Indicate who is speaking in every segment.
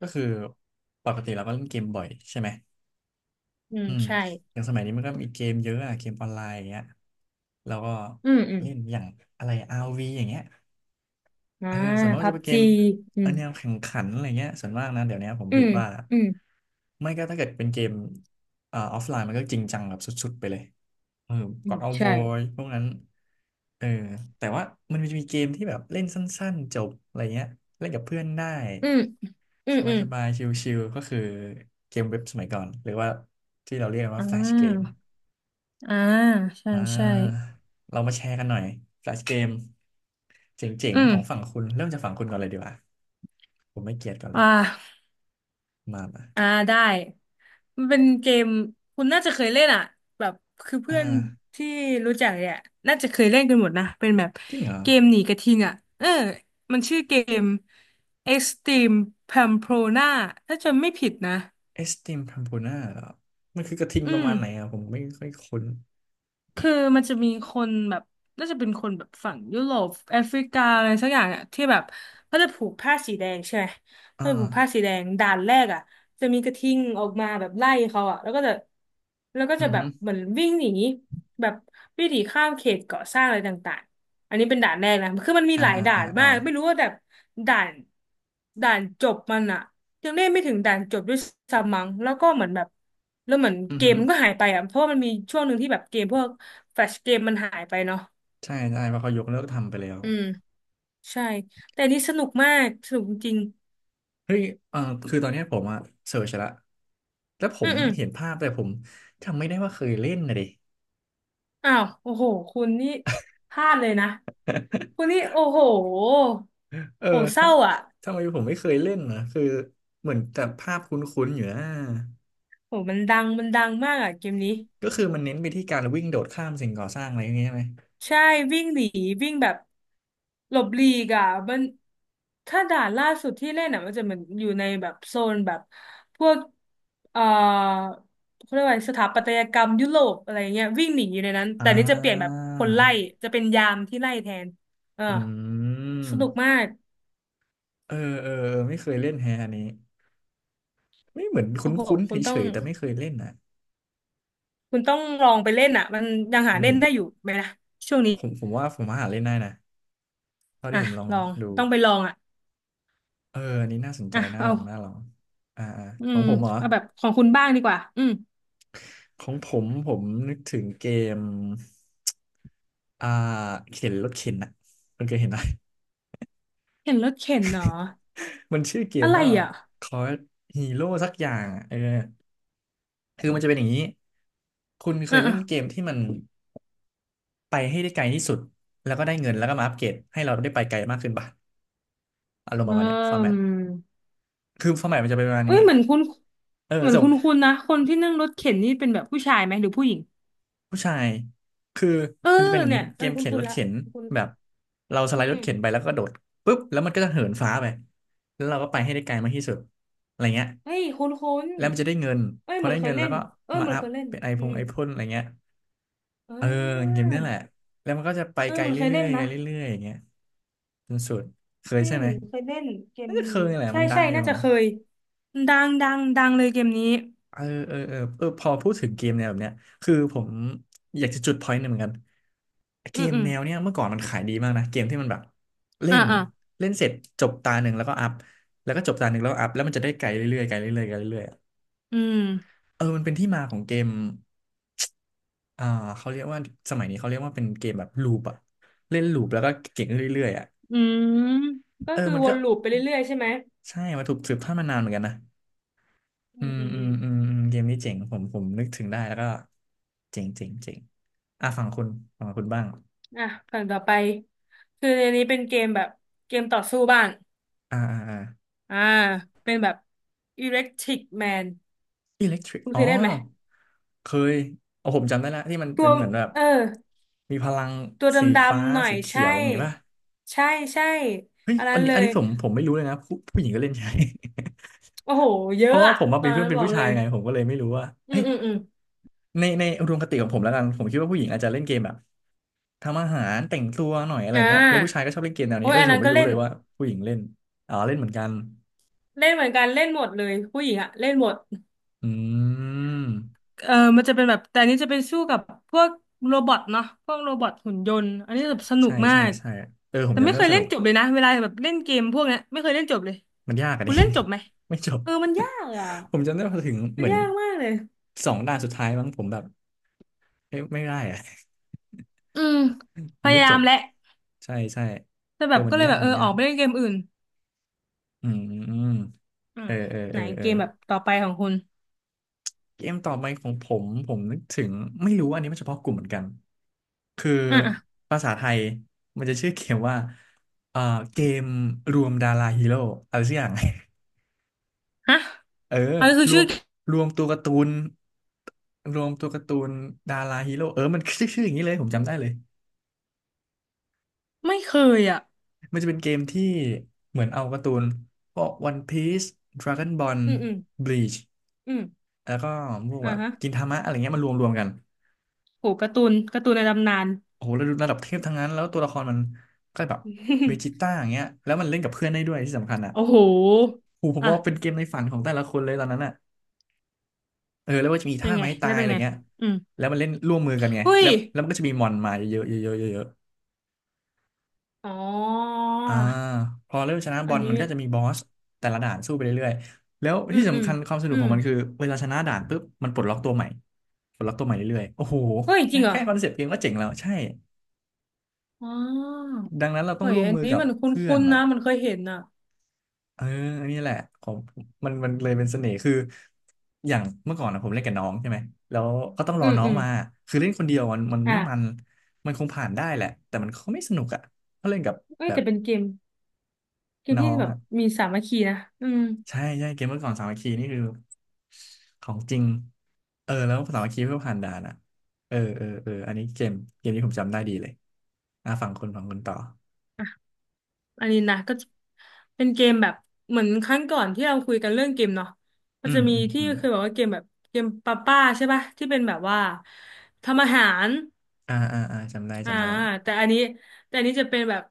Speaker 1: ก็คือปกติเราก็เล่นเกมบ่อยใช่ไหม
Speaker 2: อืม
Speaker 1: อืม
Speaker 2: ใช่
Speaker 1: อย่างสมัยนี้มันก็มีเกมเยอะอะเกมออนไลน์อย่างเงี้ยเราก็
Speaker 2: อืมอืม
Speaker 1: เล่นอย่างอะไร RV อย่างเงี้ย
Speaker 2: อ่า
Speaker 1: เออส่วนมากก็
Speaker 2: พั
Speaker 1: จะ
Speaker 2: บ
Speaker 1: เป็นเก
Speaker 2: จี
Speaker 1: ม
Speaker 2: อื
Speaker 1: เออ
Speaker 2: ม
Speaker 1: แนวแข่งขันอะไรเงี้ยส่วนมากนะเดี๋ยวนี้ผม
Speaker 2: อื
Speaker 1: ผิด
Speaker 2: ม
Speaker 1: ว่า
Speaker 2: อืม
Speaker 1: ไม่ก็ถ้าเกิดเป็นเกมออฟไลน์มันก็จริงจังแบบสุดๆไปเลยเออ
Speaker 2: อื
Speaker 1: God
Speaker 2: ม
Speaker 1: of
Speaker 2: ใช่
Speaker 1: War พวกนั้นเออแต่ว่ามันจะมีเกมที่แบบเล่นสั้นๆจบอะไรเงี้ยเล่นกับเพื่อนได้
Speaker 2: อืมอื
Speaker 1: ส
Speaker 2: ม
Speaker 1: บา
Speaker 2: อื
Speaker 1: ย
Speaker 2: ม
Speaker 1: สบายชิลๆก็คือเกมเว็บสมัยก่อนหรือว่าที่เราเรียกกัน
Speaker 2: อ่
Speaker 1: ว่าแฟลชเกม
Speaker 2: าอ่าใช่
Speaker 1: อ่
Speaker 2: ใช่
Speaker 1: าเรามาแชร์กันหน่อยแฟลชเกมเจ๋ง
Speaker 2: อื
Speaker 1: ๆ
Speaker 2: ม
Speaker 1: ของฝั่งคุณเริ่มจากฝั่งคุณก่อนเลยดีกว่าผมไม่เกลียดก่อนเล
Speaker 2: อ่
Speaker 1: ย
Speaker 2: า
Speaker 1: มามา
Speaker 2: อ่าได้มันเป็นเกมคุณน่าจะเคยเล่นอ่ะแบบคือ
Speaker 1: อ่
Speaker 2: เพื่อน
Speaker 1: า
Speaker 2: ที่รู้จักเนี่ยน่าจะเคยเล่นกันหมดนะเป็นแบบ
Speaker 1: จริงเหรอ
Speaker 2: เกมหนีกระทิงอ่ะเออมันชื่อเกม Extreme Pamplona ถ้าจำไม่ผิดนะ
Speaker 1: เอสติมพัมพูน่าเหรอมันคือกระทิง
Speaker 2: อื
Speaker 1: ประ
Speaker 2: ม
Speaker 1: มาณไหนอ่ะผมไม่ค่อยคุ้น
Speaker 2: คือมันจะมีคนแบบน่าจะเป็นคนแบบฝั่งยุโรปแอฟริกาอะไรสักอย่างอ่ะที่แบบเขาจะผูกผ้าสีแดงใช่ไหม
Speaker 1: อ่า
Speaker 2: เขาจะผูกผ้าสีแดงด่านแรกอ่ะจะมีกระทิงออกมาแบบไล่เขาอ่ะแล้วก็จะ
Speaker 1: อือ
Speaker 2: แบ
Speaker 1: ฮึ
Speaker 2: บเหมือนวิ่งหนีแบบวิ่งหนีข้ามเขตก่อสร้างอะไรต่างๆอันนี้เป็นด่านแรกนะคือมันมี
Speaker 1: อ่า
Speaker 2: หลาย
Speaker 1: อ่า
Speaker 2: ด่า
Speaker 1: อ่า
Speaker 2: น
Speaker 1: อ่า
Speaker 2: มากไม่รู้ว่าแบบด่านด่านจบมันอ่ะ ยังได้ไม่ถึงด่านจบด้วยซ้ำมั้งแล้วก็เหมือนแบบแล้วเหมือน
Speaker 1: อือ
Speaker 2: เก
Speaker 1: ฮึ
Speaker 2: มมันก็หายไปอ่ะเพราะว่ามันมีช่วงหนึ่งที่แบบเกมพวกแฟลชเกมมันหายไปเนาะ
Speaker 1: ใช่ใช่เพราะเขายกเลิกทำไปแล้ว
Speaker 2: อืมใช่แต่อันนี่สนุกมากสนุกจริง
Speaker 1: เฮ้ยเออคือตอนเนี้ยผมอะเสิร์ชละแล้วผ
Speaker 2: ๆอื
Speaker 1: ม
Speaker 2: มอืม
Speaker 1: เห็นภาพแต่ผมจำไม่ได้ว่าเคยเล่นนะดิ
Speaker 2: อ้าวโอ้โหคุณนี่พลาดเลยนะคุณ นี่โอ้โห
Speaker 1: เออ
Speaker 2: โอ้เศ
Speaker 1: ถ้า
Speaker 2: ร้าอ่ะ
Speaker 1: ทำไมผมไม่เคยเล่นนะคือเหมือนแต่ภาพคุ้นๆอยู่นะ
Speaker 2: โอ้มันดังมากอ่ะเกมนี้
Speaker 1: ก็คือมันเน้นไปที่การวิ่งโดดข้ามสิ่งก่อสร้างอะไรอย่างเงี้ยใช่ไหม
Speaker 2: ใช่วิ่งหนีวิ่งแบบหลบหลีกอ่ะมันถ้าด่านล่าสุดที่เล่นอ่ะมันจะเหมือนอยู่ในแบบโซนแบบพวกเอ่อเขาเรียกว่าอะไรสถาปัตยกรรมยุโรปอะไรเงี้ยวิ่งหนีอยู่ในนั้น
Speaker 1: อ่
Speaker 2: แต่นี่จะเปลี่ยนแบบ
Speaker 1: า
Speaker 2: คนไล่จะเป็นยามที่ไล่แทนเออ
Speaker 1: อืม
Speaker 2: สนุกมาก
Speaker 1: เออเออเออไม่เคยเล่นแฮะอันนี้ไม่เหมือนค
Speaker 2: โอ้โห
Speaker 1: ุ้นๆเ
Speaker 2: คุณต้
Speaker 1: ฉ
Speaker 2: อง
Speaker 1: ยๆแต่ไม่เคยเล่นนะ
Speaker 2: คุณต้องลองไปเล่นอ่ะมันยัง
Speaker 1: จ
Speaker 2: หา
Speaker 1: ริง
Speaker 2: เล่น
Speaker 1: ดิ
Speaker 2: ได้อยู่ไหมนะช่วงนี้
Speaker 1: ผมผมว่าหาเล่นได้นะ เท่า
Speaker 2: อ่ะ
Speaker 1: ที่ผมลอง
Speaker 2: ลอง
Speaker 1: ดู
Speaker 2: ต้องไปลองอ่ะ
Speaker 1: เอออันนี้น่าสนใจ
Speaker 2: อ่ะ
Speaker 1: น่า
Speaker 2: เอา
Speaker 1: ลองน่าลองอ่าอ่า
Speaker 2: อื
Speaker 1: ของ
Speaker 2: ม
Speaker 1: ผมเหรอ
Speaker 2: เอาแบบของคุณบ้างดีกว่าอืม
Speaker 1: ของผมผมนึกถึงเกมอ่าเข็นรถเข็นอะคุณเคยเห็นไหม
Speaker 2: เห็นรถเข็นเหรอ
Speaker 1: มันชื่อเกม
Speaker 2: อะไร
Speaker 1: ว่า
Speaker 2: อ่ะ
Speaker 1: Call Hero สักอย่างอะเออคือมันจะเป็นอย่างนี้คุณเค
Speaker 2: อ่ะ
Speaker 1: ยเล่
Speaker 2: อ่ะ
Speaker 1: นเกมที่มันไปให้ได้ไกลที่สุดแล้วก็ได้เงินแล้วก็มาอัปเกรดให้เราได้ไปไกลมากขึ้นป่ะอารมณ์
Speaker 2: อื
Speaker 1: ประมาณเนี้ยฟอร์แมต
Speaker 2: ม
Speaker 1: คือฟอร์แมตมันจะเป็นประมาณ
Speaker 2: เอ้
Speaker 1: นี้
Speaker 2: ยเหมือนคุณ
Speaker 1: เออ
Speaker 2: เหมือน
Speaker 1: ส่ง
Speaker 2: คุณคุณนะคนที่นั่งรถเข็นนี่เป็นแบบผู้ชายไหมหรือผู้หญิง
Speaker 1: ผู้ชายคือ
Speaker 2: เออ
Speaker 1: มันจะเป็นอย่าง
Speaker 2: เนี่
Speaker 1: นี้
Speaker 2: ยเอ
Speaker 1: เก
Speaker 2: อ
Speaker 1: ม
Speaker 2: คุณ
Speaker 1: เข็น
Speaker 2: คุ
Speaker 1: ร
Speaker 2: ณ
Speaker 1: ถ
Speaker 2: ละ
Speaker 1: เข็น
Speaker 2: คุณ
Speaker 1: แบบเราส
Speaker 2: อื
Speaker 1: ไล
Speaker 2: ม
Speaker 1: ด์ร
Speaker 2: อื
Speaker 1: ถ
Speaker 2: ม
Speaker 1: เข็นไปแล้วก็โดดปุ๊บแล้วมันก็จะเหินฟ้าไปแล้วเราก็ไปให้ได้ไกลมากที่สุดอะไรเงี้ย
Speaker 2: เฮ้ยคุณ
Speaker 1: แล้วมันจะได้เงิน
Speaker 2: เอ้ย
Speaker 1: พอ
Speaker 2: เหมือ
Speaker 1: ได้
Speaker 2: นเค
Speaker 1: เงิ
Speaker 2: ย
Speaker 1: น
Speaker 2: เล่
Speaker 1: แล้ว
Speaker 2: น
Speaker 1: ก็
Speaker 2: เออ
Speaker 1: มา
Speaker 2: เหมือน
Speaker 1: อัพ
Speaker 2: เคยเล่น
Speaker 1: เป็นไอพ
Speaker 2: อื
Speaker 1: ง
Speaker 2: ม
Speaker 1: ไอพ่นอะไรเงี้ย
Speaker 2: อื
Speaker 1: เออเกม
Speaker 2: ม
Speaker 1: เนี้ยแหละแล้วมันก็จะไป
Speaker 2: เออ
Speaker 1: ไก
Speaker 2: เออ
Speaker 1: ล
Speaker 2: เหมันเคย
Speaker 1: เรื่
Speaker 2: เล่
Speaker 1: อ
Speaker 2: น
Speaker 1: ยๆไกล
Speaker 2: นะ
Speaker 1: เรื่อยๆอย่างเงี้ยจนสุดเคย
Speaker 2: เอ้
Speaker 1: ใช่
Speaker 2: ย
Speaker 1: ไหม
Speaker 2: เคยเล่นเกม
Speaker 1: น่าจะเค
Speaker 2: นี้
Speaker 1: ยแหละ
Speaker 2: ใช่
Speaker 1: มันดั
Speaker 2: ใช่
Speaker 1: งอยู่
Speaker 2: น่าจะเคยดังดังดังเลยเกมนี้
Speaker 1: เออเออเออเออพอพูดถึงเกมแนวแบบเนี้ยคือผมอยากจะจุดพอยต์หนึ่งเหมือนกันเก
Speaker 2: อืม
Speaker 1: ม
Speaker 2: อืม
Speaker 1: แนวเนี้ยเมื่อก่อนมันขายดีมากนะเกมที่มันแบบเล่
Speaker 2: อ่า
Speaker 1: น
Speaker 2: อ่า
Speaker 1: เล่นเสร็จจบตาหนึ่งแล้วก็อัพแล้วก็จบตาหนึ่งแล้วก็อัพแล้วมันจะได้ไกลเรื่อยๆไกลเรื่อยๆไกลเรื่อยๆอะ
Speaker 2: อืม
Speaker 1: เออมันเป็นที่มาของเกมอ่าเขาเรียกว่าสมัยนี้เขาเรียกว่าเป็นเกมแบบลูปอะเล่นลูปแล้วก็เก่งขึ้นเรื่อยๆอะ
Speaker 2: อืมก็
Speaker 1: เออ
Speaker 2: คือ
Speaker 1: มัน
Speaker 2: ว
Speaker 1: ก็
Speaker 2: นลูปไปเรื่อยๆใช่ไหม
Speaker 1: ใช่มาถูกสืบทอดมานานเหมือนกันนะ
Speaker 2: อื
Speaker 1: อื
Speaker 2: ม
Speaker 1: ม
Speaker 2: อืม
Speaker 1: อื
Speaker 2: อื
Speaker 1: ม
Speaker 2: ม
Speaker 1: อืมอืมเกมนี้เจ๋งผมนึกถึงได้แล้วก็เจ๋งเจ๋งเจ๋งอ่ะฝั่งคุณฝั่งคุณบ้าง
Speaker 2: อ่ะฝั่งต่อไปคือในนี้เป็นเกมแบบเกมต่อสู้บ้าง
Speaker 1: อ่าอ่าอ่า
Speaker 2: อ่าเป็นแบบ Electric Man
Speaker 1: อิเล็กทริก
Speaker 2: คุณ
Speaker 1: อ๋อ
Speaker 2: เคยเล่นไหม
Speaker 1: เคยโอ้ผมจำได้ละที่มัน
Speaker 2: ตั
Speaker 1: เป็
Speaker 2: ว
Speaker 1: นเหมือนแบบ
Speaker 2: เออ
Speaker 1: มีพลัง
Speaker 2: ตัวด
Speaker 1: สี
Speaker 2: ำ
Speaker 1: ฟ้า
Speaker 2: ๆหน่อย
Speaker 1: สีเขี
Speaker 2: ใช่
Speaker 1: ยวอย่างงี้ป่ะ
Speaker 2: ใช่ใช่
Speaker 1: เฮ้ย
Speaker 2: อันนั้
Speaker 1: อัน
Speaker 2: น
Speaker 1: นี้
Speaker 2: เล
Speaker 1: อัน
Speaker 2: ย
Speaker 1: นี้ผมไม่รู้เลยนะผู้หญิงก็เล่นใช่
Speaker 2: โอ้โห เย
Speaker 1: เพ
Speaker 2: อะ
Speaker 1: ราะว่า
Speaker 2: อะ
Speaker 1: ผมมา
Speaker 2: ตอ
Speaker 1: เป็น
Speaker 2: น
Speaker 1: เพื่อ
Speaker 2: นั้
Speaker 1: น
Speaker 2: น
Speaker 1: เป็น
Speaker 2: บอก
Speaker 1: ผู้
Speaker 2: เล
Speaker 1: ชาย
Speaker 2: ย
Speaker 1: ไงผมก็เลยไม่รู้ว่า
Speaker 2: อื
Speaker 1: เอ้
Speaker 2: ม
Speaker 1: ย
Speaker 2: อืมอืม
Speaker 1: ในอุดมคติของผมแล้วกันผมคิดว่าผู้หญิงอาจจะเล่นเกมแบบ ทำอาหารแต่งตัวหน่อยอะไร
Speaker 2: อ่
Speaker 1: เงี้ยแล้วผู้ชาย
Speaker 2: า
Speaker 1: ก็ชอบเล่นเกมแนว
Speaker 2: โอ้
Speaker 1: นี้
Speaker 2: ย
Speaker 1: เอ้
Speaker 2: อั
Speaker 1: ย
Speaker 2: น
Speaker 1: ผ
Speaker 2: นั้
Speaker 1: ม
Speaker 2: น
Speaker 1: ไม่
Speaker 2: ก็
Speaker 1: รู้
Speaker 2: เล่
Speaker 1: เล
Speaker 2: น
Speaker 1: ยว่าผู้หญิงเล่นอ๋อเล่นเหมือนกัน
Speaker 2: เล่นเหมือนกันเล่นหมดเลยผู้หญิงอะเล่นหมด
Speaker 1: อืม
Speaker 2: เออมันจะเป็นแบบแต่อันนี้จะเป็นสู้กับพวกโรบอทเนาะพวกโรบอทหุ่นยนต์อันนี้แบบสนุ
Speaker 1: ใช่
Speaker 2: กมา
Speaker 1: ใช่
Speaker 2: ก
Speaker 1: ใช่เออผ
Speaker 2: แต่
Speaker 1: มจำ
Speaker 2: ไม่
Speaker 1: ได้
Speaker 2: เค
Speaker 1: ว่า
Speaker 2: ย
Speaker 1: ส
Speaker 2: เล่
Speaker 1: นุ
Speaker 2: น
Speaker 1: ก
Speaker 2: จบเลยนะเวลาแบบเล่นเกมพวกเนี้ยไม่เคยเล่นจบเลย
Speaker 1: มันยากอะ
Speaker 2: คุ
Speaker 1: ดิ
Speaker 2: ณเล่นจบไหม
Speaker 1: ไม่จบ
Speaker 2: เออมันยากอ่ะ
Speaker 1: ผมจำได้พอถึง
Speaker 2: มั
Speaker 1: เห
Speaker 2: น
Speaker 1: มือน
Speaker 2: ยากมากเลย
Speaker 1: สองด่านสุดท้ายมั้งผมแบบเอ้ยไม่ได้อะ
Speaker 2: อืม พ
Speaker 1: มันไม่
Speaker 2: ยา
Speaker 1: จ
Speaker 2: ยาม
Speaker 1: บ
Speaker 2: แหละ
Speaker 1: ใช่ใช่
Speaker 2: แต่
Speaker 1: เอ
Speaker 2: แบ
Speaker 1: อ
Speaker 2: บ
Speaker 1: มั
Speaker 2: ก็
Speaker 1: น
Speaker 2: เลย
Speaker 1: ยา
Speaker 2: แบ
Speaker 1: ก
Speaker 2: บเอ
Speaker 1: มั
Speaker 2: อ
Speaker 1: น
Speaker 2: อ
Speaker 1: ยา
Speaker 2: อก
Speaker 1: ก
Speaker 2: ไปเล่นเกมอื่น
Speaker 1: อืมอืม
Speaker 2: อื
Speaker 1: เอ
Speaker 2: ม
Speaker 1: อเออ
Speaker 2: ไห
Speaker 1: เอ
Speaker 2: น
Speaker 1: อเอ
Speaker 2: เก
Speaker 1: อ
Speaker 2: มแบบต่อไปของคุณ
Speaker 1: เกมต่อไปของผมผมนึกถึงไม่รู้อันนี้มันเฉพาะกลุ่มเหมือนกันคือ
Speaker 2: อ่ะอ่ะ
Speaker 1: ภาษาไทยมันจะชื่อเกมว่าเอ่อเกมรวมดาราฮีโร่อะไรสักอย่าง
Speaker 2: ฮะ
Speaker 1: เออ
Speaker 2: อันนี้คือ
Speaker 1: รว
Speaker 2: ชื่
Speaker 1: ม
Speaker 2: อ
Speaker 1: รวมตัวการ์ตูนรวมตัวการ์ตูนดาราฮีโร่เออมันชื่ออย่างนี้เลยผมจำได้เลย
Speaker 2: ไม่เคยอ่ะ
Speaker 1: มันจะเป็นเกมที่เหมือนเอาการ์ตูนพวก One Piece Dragon Ball
Speaker 2: อืมอืม
Speaker 1: Bleach
Speaker 2: อืม
Speaker 1: แล้วก็พวก
Speaker 2: อ่ะ
Speaker 1: แบบ
Speaker 2: ฮะ
Speaker 1: กินทามะอะไรเงี้ยมารวมรวมกัน
Speaker 2: โหการ์ตูนการ์ตูนในตำนาน
Speaker 1: โอ้โหระดับระดับเทพทั้งนั้นแล้วตัวละครมันก็แบบเวจิต้า อย่างเงี้ยแล้วมันเล่นกับเพื่อนได้ด้วยที่สำคัญอ่ะ
Speaker 2: โอ้โห
Speaker 1: โอ้โหผม
Speaker 2: อ่ะ
Speaker 1: ว่าเป็นเกมในฝันของแต่ละคนเลยตอนนั้นอ่ะเออแล้วว่าจะมี
Speaker 2: เป็น
Speaker 1: ท่า
Speaker 2: ไง
Speaker 1: ไม้ตา
Speaker 2: แล้ว
Speaker 1: ย
Speaker 2: เป็
Speaker 1: อะ
Speaker 2: น
Speaker 1: ไร
Speaker 2: ไง
Speaker 1: เงี้ย
Speaker 2: อืม
Speaker 1: แล้วมันเล่นร่วมมือกันไง
Speaker 2: เฮ้ย
Speaker 1: แล้วมันก็จะมีมอนมาเยอะๆเยอะๆเยอะ
Speaker 2: อ๋อ
Speaker 1: ๆพอเริ่มชนะบ
Speaker 2: อั
Speaker 1: อ
Speaker 2: น
Speaker 1: ล
Speaker 2: นี้
Speaker 1: มันก็จะมีบอสแต่ละด่านสู้ไปเรื่อยๆแล้ว
Speaker 2: อื
Speaker 1: ที่
Speaker 2: มอื
Speaker 1: สำ
Speaker 2: ม
Speaker 1: คัญความสนุ
Speaker 2: อื
Speaker 1: กขอ
Speaker 2: ม
Speaker 1: งมันคือเวลาชนะด่านปุ๊บมันปลดล็อกตัวใหม่ปลดล็อกตัวใหม่เรื่อยๆโอ้โห
Speaker 2: เฮ้ยจ
Speaker 1: แค่
Speaker 2: ริงเหรอ
Speaker 1: แค่คอนเซ็ปต์เกมก็เจ๋งแล้วใช่
Speaker 2: อ๋อ
Speaker 1: ดังนั้นเราต้อ
Speaker 2: เฮ้
Speaker 1: ง
Speaker 2: ย
Speaker 1: ร่วม
Speaker 2: อัน
Speaker 1: มือ
Speaker 2: นี้
Speaker 1: กับ
Speaker 2: มันคุ
Speaker 1: เพื่อ
Speaker 2: ้
Speaker 1: น
Speaker 2: นๆ
Speaker 1: นะ
Speaker 2: นะ มันเคยเห็นอ่ะ
Speaker 1: เออนี่แหละผมมันเลยเป็นเสน่ห์คืออย่างเมื่อก่อนนะผมเล่นกับน้องใช่ไหมแล้วก็ต้องร
Speaker 2: อื
Speaker 1: อ
Speaker 2: ม
Speaker 1: น้อ
Speaker 2: อื
Speaker 1: ง
Speaker 2: ม
Speaker 1: มาคือเล่นคนเดียวมัน
Speaker 2: อ่ะ
Speaker 1: ไม่มันมันคงผ่านได้แหละแต่มันก็ไม่สนุกอ่ะถ้าเล่นกับ
Speaker 2: เอ้ย
Speaker 1: แบบ
Speaker 2: แต่เป็นเกม เกม
Speaker 1: น้อ
Speaker 2: ที่
Speaker 1: ง
Speaker 2: แบบ
Speaker 1: อ่ะ
Speaker 2: มีสามัคคีนะอืม
Speaker 1: ใช่ใช่เกมเมื่อก่อนสามัคคีนี่คือของจริงเออแล้วสามัคคีเพื่อผ่านด่านอ่ะเออเออเอออันนี้เกมเกมนี้ผมจำได้ดีเลยอ่ะฝั่งคนฝั่งคนต่อ
Speaker 2: อ่ะอันนี้นะก็จะเป็นเกมแบบเหมือนครั้งก่อนที่เราคุยกันเรื่องเกมเนาะก็
Speaker 1: อื
Speaker 2: จะ
Speaker 1: ม
Speaker 2: มี
Speaker 1: อืม
Speaker 2: ที่
Speaker 1: อืม
Speaker 2: เคยบอกว่าเกมแบบเกมป้าป้าใช่ปะที่เป็นแบบว่าทำอาหาร
Speaker 1: อ่าอ่าอ่าจำได้
Speaker 2: อ่า
Speaker 1: จำได้
Speaker 2: แต่อันนี้แต่อันนี้จะเป็นแบบ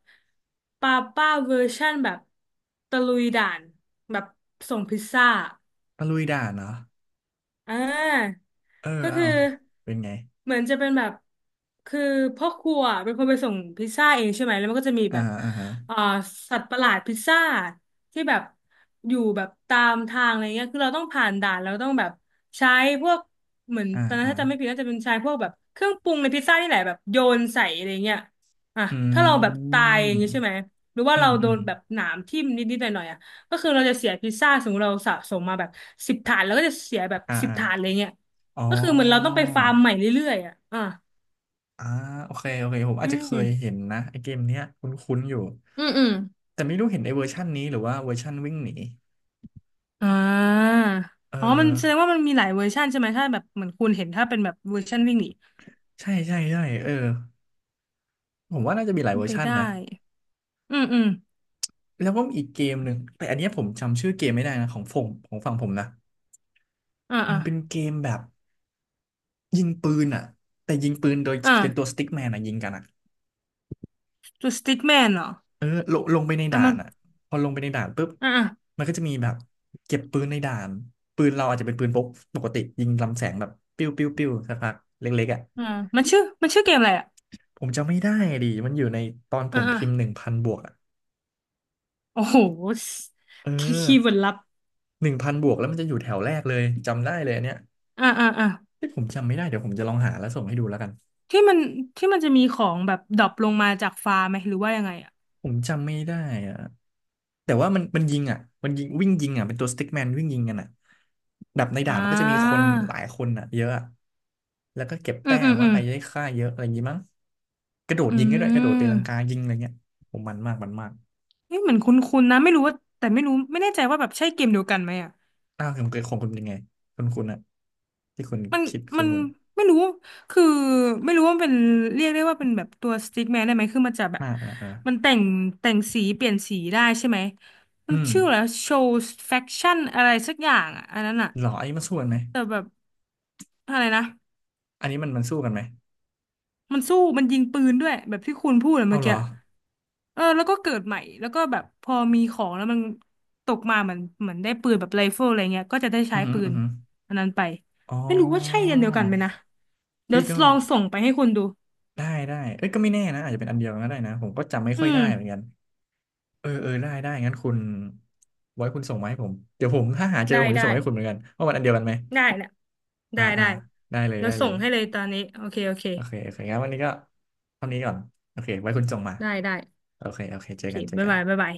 Speaker 2: ป้าป้าเวอร์ชั่นแบบตะลุยด่านแบบส่งพิซซ่า
Speaker 1: ตะลุยด่านเนาะ
Speaker 2: อ่า
Speaker 1: เออ
Speaker 2: ก็
Speaker 1: เอา
Speaker 2: คือ
Speaker 1: เป็นไง
Speaker 2: เหมือนจะเป็นแบบคือพ่อครัวเป็นคนไปส่งพิซซ่าเองใช่ไหมแล้วมันก็จะมี
Speaker 1: อ่า
Speaker 2: แบบ
Speaker 1: อ่าฮะ
Speaker 2: อ่าสัตว์ประหลาดพิซซ่าที่แบบอยู่แบบตามทางอะไรเงี้ยคือเราต้องผ่านด่านเราต้องแบบใช้พวกเหมือน
Speaker 1: อ่า
Speaker 2: ตอนนั้น
Speaker 1: อ่า
Speaker 2: ถ้าจำไม่ผิดน่าจะเป็นใช้พวกแบบเครื่องปรุงในพิซซ่านี่แหละแบบโยนใส่อะไรเงี้ยอ่ะ
Speaker 1: อ
Speaker 2: ถ้าเราแบ
Speaker 1: ื
Speaker 2: บตายอย่า
Speaker 1: ม
Speaker 2: งงี้ใช่ไหมหรือว่า
Speaker 1: อื
Speaker 2: เรา
Speaker 1: ม
Speaker 2: โด
Speaker 1: อืม
Speaker 2: นแบบหนามทิ่มนิดๆหน่อยๆอ่ะ ก็คือเราจะเสียพิซซ่าสมมติเราสะสมมาแบบสิบถาดแล้วก็จะเสียแบบ
Speaker 1: อ่า
Speaker 2: สิบ
Speaker 1: อ่า
Speaker 2: ถาดเลยเนี่ย
Speaker 1: อ๋
Speaker 2: ก็คือเหมือนเราต้อง
Speaker 1: อ
Speaker 2: ไปฟาร์มใหม่เรื่อยๆอ่ะอ่า
Speaker 1: อ่าโอเคโอเคผมอา
Speaker 2: อื
Speaker 1: จจะ
Speaker 2: ม
Speaker 1: เค
Speaker 2: อื
Speaker 1: ย
Speaker 2: ม
Speaker 1: เห็นนะไอเกมเนี้ยคุ้นๆอยู่
Speaker 2: อืม
Speaker 1: แต่ไม่รู้เห็นไอเวอร์ชันนี้หรือว่าเวอร์ชันวิ่งหนี
Speaker 2: อ่า
Speaker 1: เออ
Speaker 2: อ๋อมันแสดงว่ามันมีหลายเวอร์ชันใช่ไหมถ้าแบบเหมือนคุณเห็นถ้าเป็นแบบเวอร์ชันวิ่งหนี
Speaker 1: ใช่ใช่ใช่เออผมว่าน่าจะมีหลาย
Speaker 2: เป็น
Speaker 1: เวอร์
Speaker 2: ไป
Speaker 1: ชัน
Speaker 2: ได้
Speaker 1: นะ
Speaker 2: อืมอืม
Speaker 1: แล้วก็มีอีกเกมหนึ่งแต่อันเนี้ยผมจำชื่อเกมไม่ได้นะของฝั่งผมนะ
Speaker 2: อ่า
Speaker 1: มัน
Speaker 2: อ่า
Speaker 1: เป็นเกมแบบยิงปืนอ่ะแต่ยิงปืนโดยเป็นตัว
Speaker 2: อ่า
Speaker 1: สติ๊กแมนอ่ะยิงกันอ่ะ
Speaker 2: ตัวสติ๊กแมนเหรอ
Speaker 1: เออลงไปใน
Speaker 2: อ่ะ
Speaker 1: ด่า
Speaker 2: มั
Speaker 1: น
Speaker 2: น
Speaker 1: อ่ะพอลงไปในด่านปุ๊บ
Speaker 2: อ่าอ่า
Speaker 1: มันก็จะมีแบบเก็บปืนในด่านปืนเราอาจจะเป็นปืนพกปกติยิงลำแสงแบบปิ้วปิ้วปิ้วสักพักเล็กๆอ่ะ
Speaker 2: อ่ามันชื่อเกมอะไรอ่ะ
Speaker 1: ผมจำไม่ได้ดิมันอยู่ในตอนผ
Speaker 2: อ่า
Speaker 1: ม
Speaker 2: อ่า
Speaker 1: พิมพ์หนึ่งพันบวกอ่ะ
Speaker 2: โอ้โห
Speaker 1: เออ
Speaker 2: คีย์เวิร์ดลับ
Speaker 1: หนึ่งพันบวกแล้วมันจะอยู่แถวแรกเลยจำได้เลยอันเนี้ย
Speaker 2: อ่าอ่าอ่า
Speaker 1: ที่ผมจำไม่ได้เดี๋ยวผมจะลองหาแล้วส่งให้ดูแล้วกัน
Speaker 2: ที่มันที่มันจะมีของแบบดรอปลงมาจากฟ้าไหมหรือว่ายังไงอ่ะ
Speaker 1: ผมจำไม่ได้อะแต่ว่ามันยิงอ่ะมันยิงวิ่งยิงอ่ะเป็นตัวสติ๊กแมนวิ่งยิงกันอ่ะดับในด่า
Speaker 2: อ่
Speaker 1: นมันก็จะมีค
Speaker 2: า
Speaker 1: นหลายคนอ่ะเยอะอะ แล้วก็เก็บ
Speaker 2: อื
Speaker 1: แต้
Speaker 2: มอื
Speaker 1: ม
Speaker 2: มอื
Speaker 1: ว่า
Speaker 2: ม
Speaker 1: ใครจะได้ฆ่าเยอะอะไรอย่างงี้มั้งกระโดด
Speaker 2: อื
Speaker 1: ยิงก็ได้ด้วยกระโดดตีลังกา
Speaker 2: ม
Speaker 1: ยิงอะไรเงี้ยผมมันมากมันมาก
Speaker 2: เี่เหมือนคุ้นๆนะไม่รู้ว่าแต่ไม่รู้ไม่แน่ใจว่าแบบใช่เกมเดียวกันไหมอ่ะ
Speaker 1: อ้าวคุณเกยของคุณเป็นยังไงคุณอ่ะที่คุณ
Speaker 2: มัน
Speaker 1: คิดคุ
Speaker 2: มั
Speaker 1: ณ
Speaker 2: น
Speaker 1: คุณ
Speaker 2: ไม่รู้ คือไม่รู้ว่ามันเป็นเรียกได้ว่าเป็นแบบตัวสติ๊กแมนได้ไหม คือมันจะแบบ
Speaker 1: อ่าอ่าอ่า
Speaker 2: มันแต่งแต่งสีเปลี่ยนสีได้ใช่ไหม มั
Speaker 1: อื
Speaker 2: น
Speaker 1: ม
Speaker 2: ชื่อแล้วโชว์แฟคชั่นอะไรสักอย่างอ่ะอันนั้นอ่ะ
Speaker 1: เหรออันนี้มันสู้กันไหม
Speaker 2: แต่แบบอะไรนะ
Speaker 1: อันนี้มันสู้กันไหม
Speaker 2: มันสู้มันยิงปืนด้วยแบบที่คุณพูดอะ
Speaker 1: เอา
Speaker 2: เมื่อ
Speaker 1: เหร
Speaker 2: กี้
Speaker 1: อ
Speaker 2: เออแล้วก็เกิดใหม่แล้วก็แบบพอมีของแล้วมันตกมาเหมือนเหมือนได้ปืนแบบไรเฟิลอะไรเงี้ยก็จะได้
Speaker 1: อื
Speaker 2: ใช้
Speaker 1: อหือ
Speaker 2: ปื
Speaker 1: อือ
Speaker 2: น
Speaker 1: หือ
Speaker 2: อันนั้นไป
Speaker 1: อ๋อ
Speaker 2: ไม่รู้ว่าใช่อันเดียวกันไหมนะเดี๋ย
Speaker 1: พี่
Speaker 2: ว
Speaker 1: ก็
Speaker 2: ลองส่งไปให้คุณดู
Speaker 1: ได้ได้เอ้ยก็ไม่แน่นะอาจจะเป็นอันเดียวก็ได้นะผมก็จำไม่
Speaker 2: อื
Speaker 1: ค่อย
Speaker 2: ม
Speaker 1: ได้เหมือนกันเออเออได้ได้งั้นคุณไว้คุณส่งมาให้ผมเดี๋ยวผมถ้าหาเจอ
Speaker 2: ได้
Speaker 1: ผมจะ
Speaker 2: ได้
Speaker 1: ส่งให้คุณเหมือนกันว่ามันอันเดียวกันไหม
Speaker 2: ได้นะ
Speaker 1: อ่า
Speaker 2: ได้
Speaker 1: อ่า
Speaker 2: ได้
Speaker 1: ได้เลย
Speaker 2: เดี๋ย
Speaker 1: ได้
Speaker 2: ว
Speaker 1: เล
Speaker 2: ส่
Speaker 1: ย
Speaker 2: งให้เลยตอนนี้โอเคโอเค
Speaker 1: โอเคโอเคงั้นวันนี้ก็เท่านี้ก่อนโอเคไว้คุณส่งมา
Speaker 2: ได้ได้
Speaker 1: โอเคโอเค
Speaker 2: โอ
Speaker 1: เจอ
Speaker 2: เค
Speaker 1: กันเจอ
Speaker 2: บ๊าย
Speaker 1: กัน
Speaker 2: บายบ๊ายบาย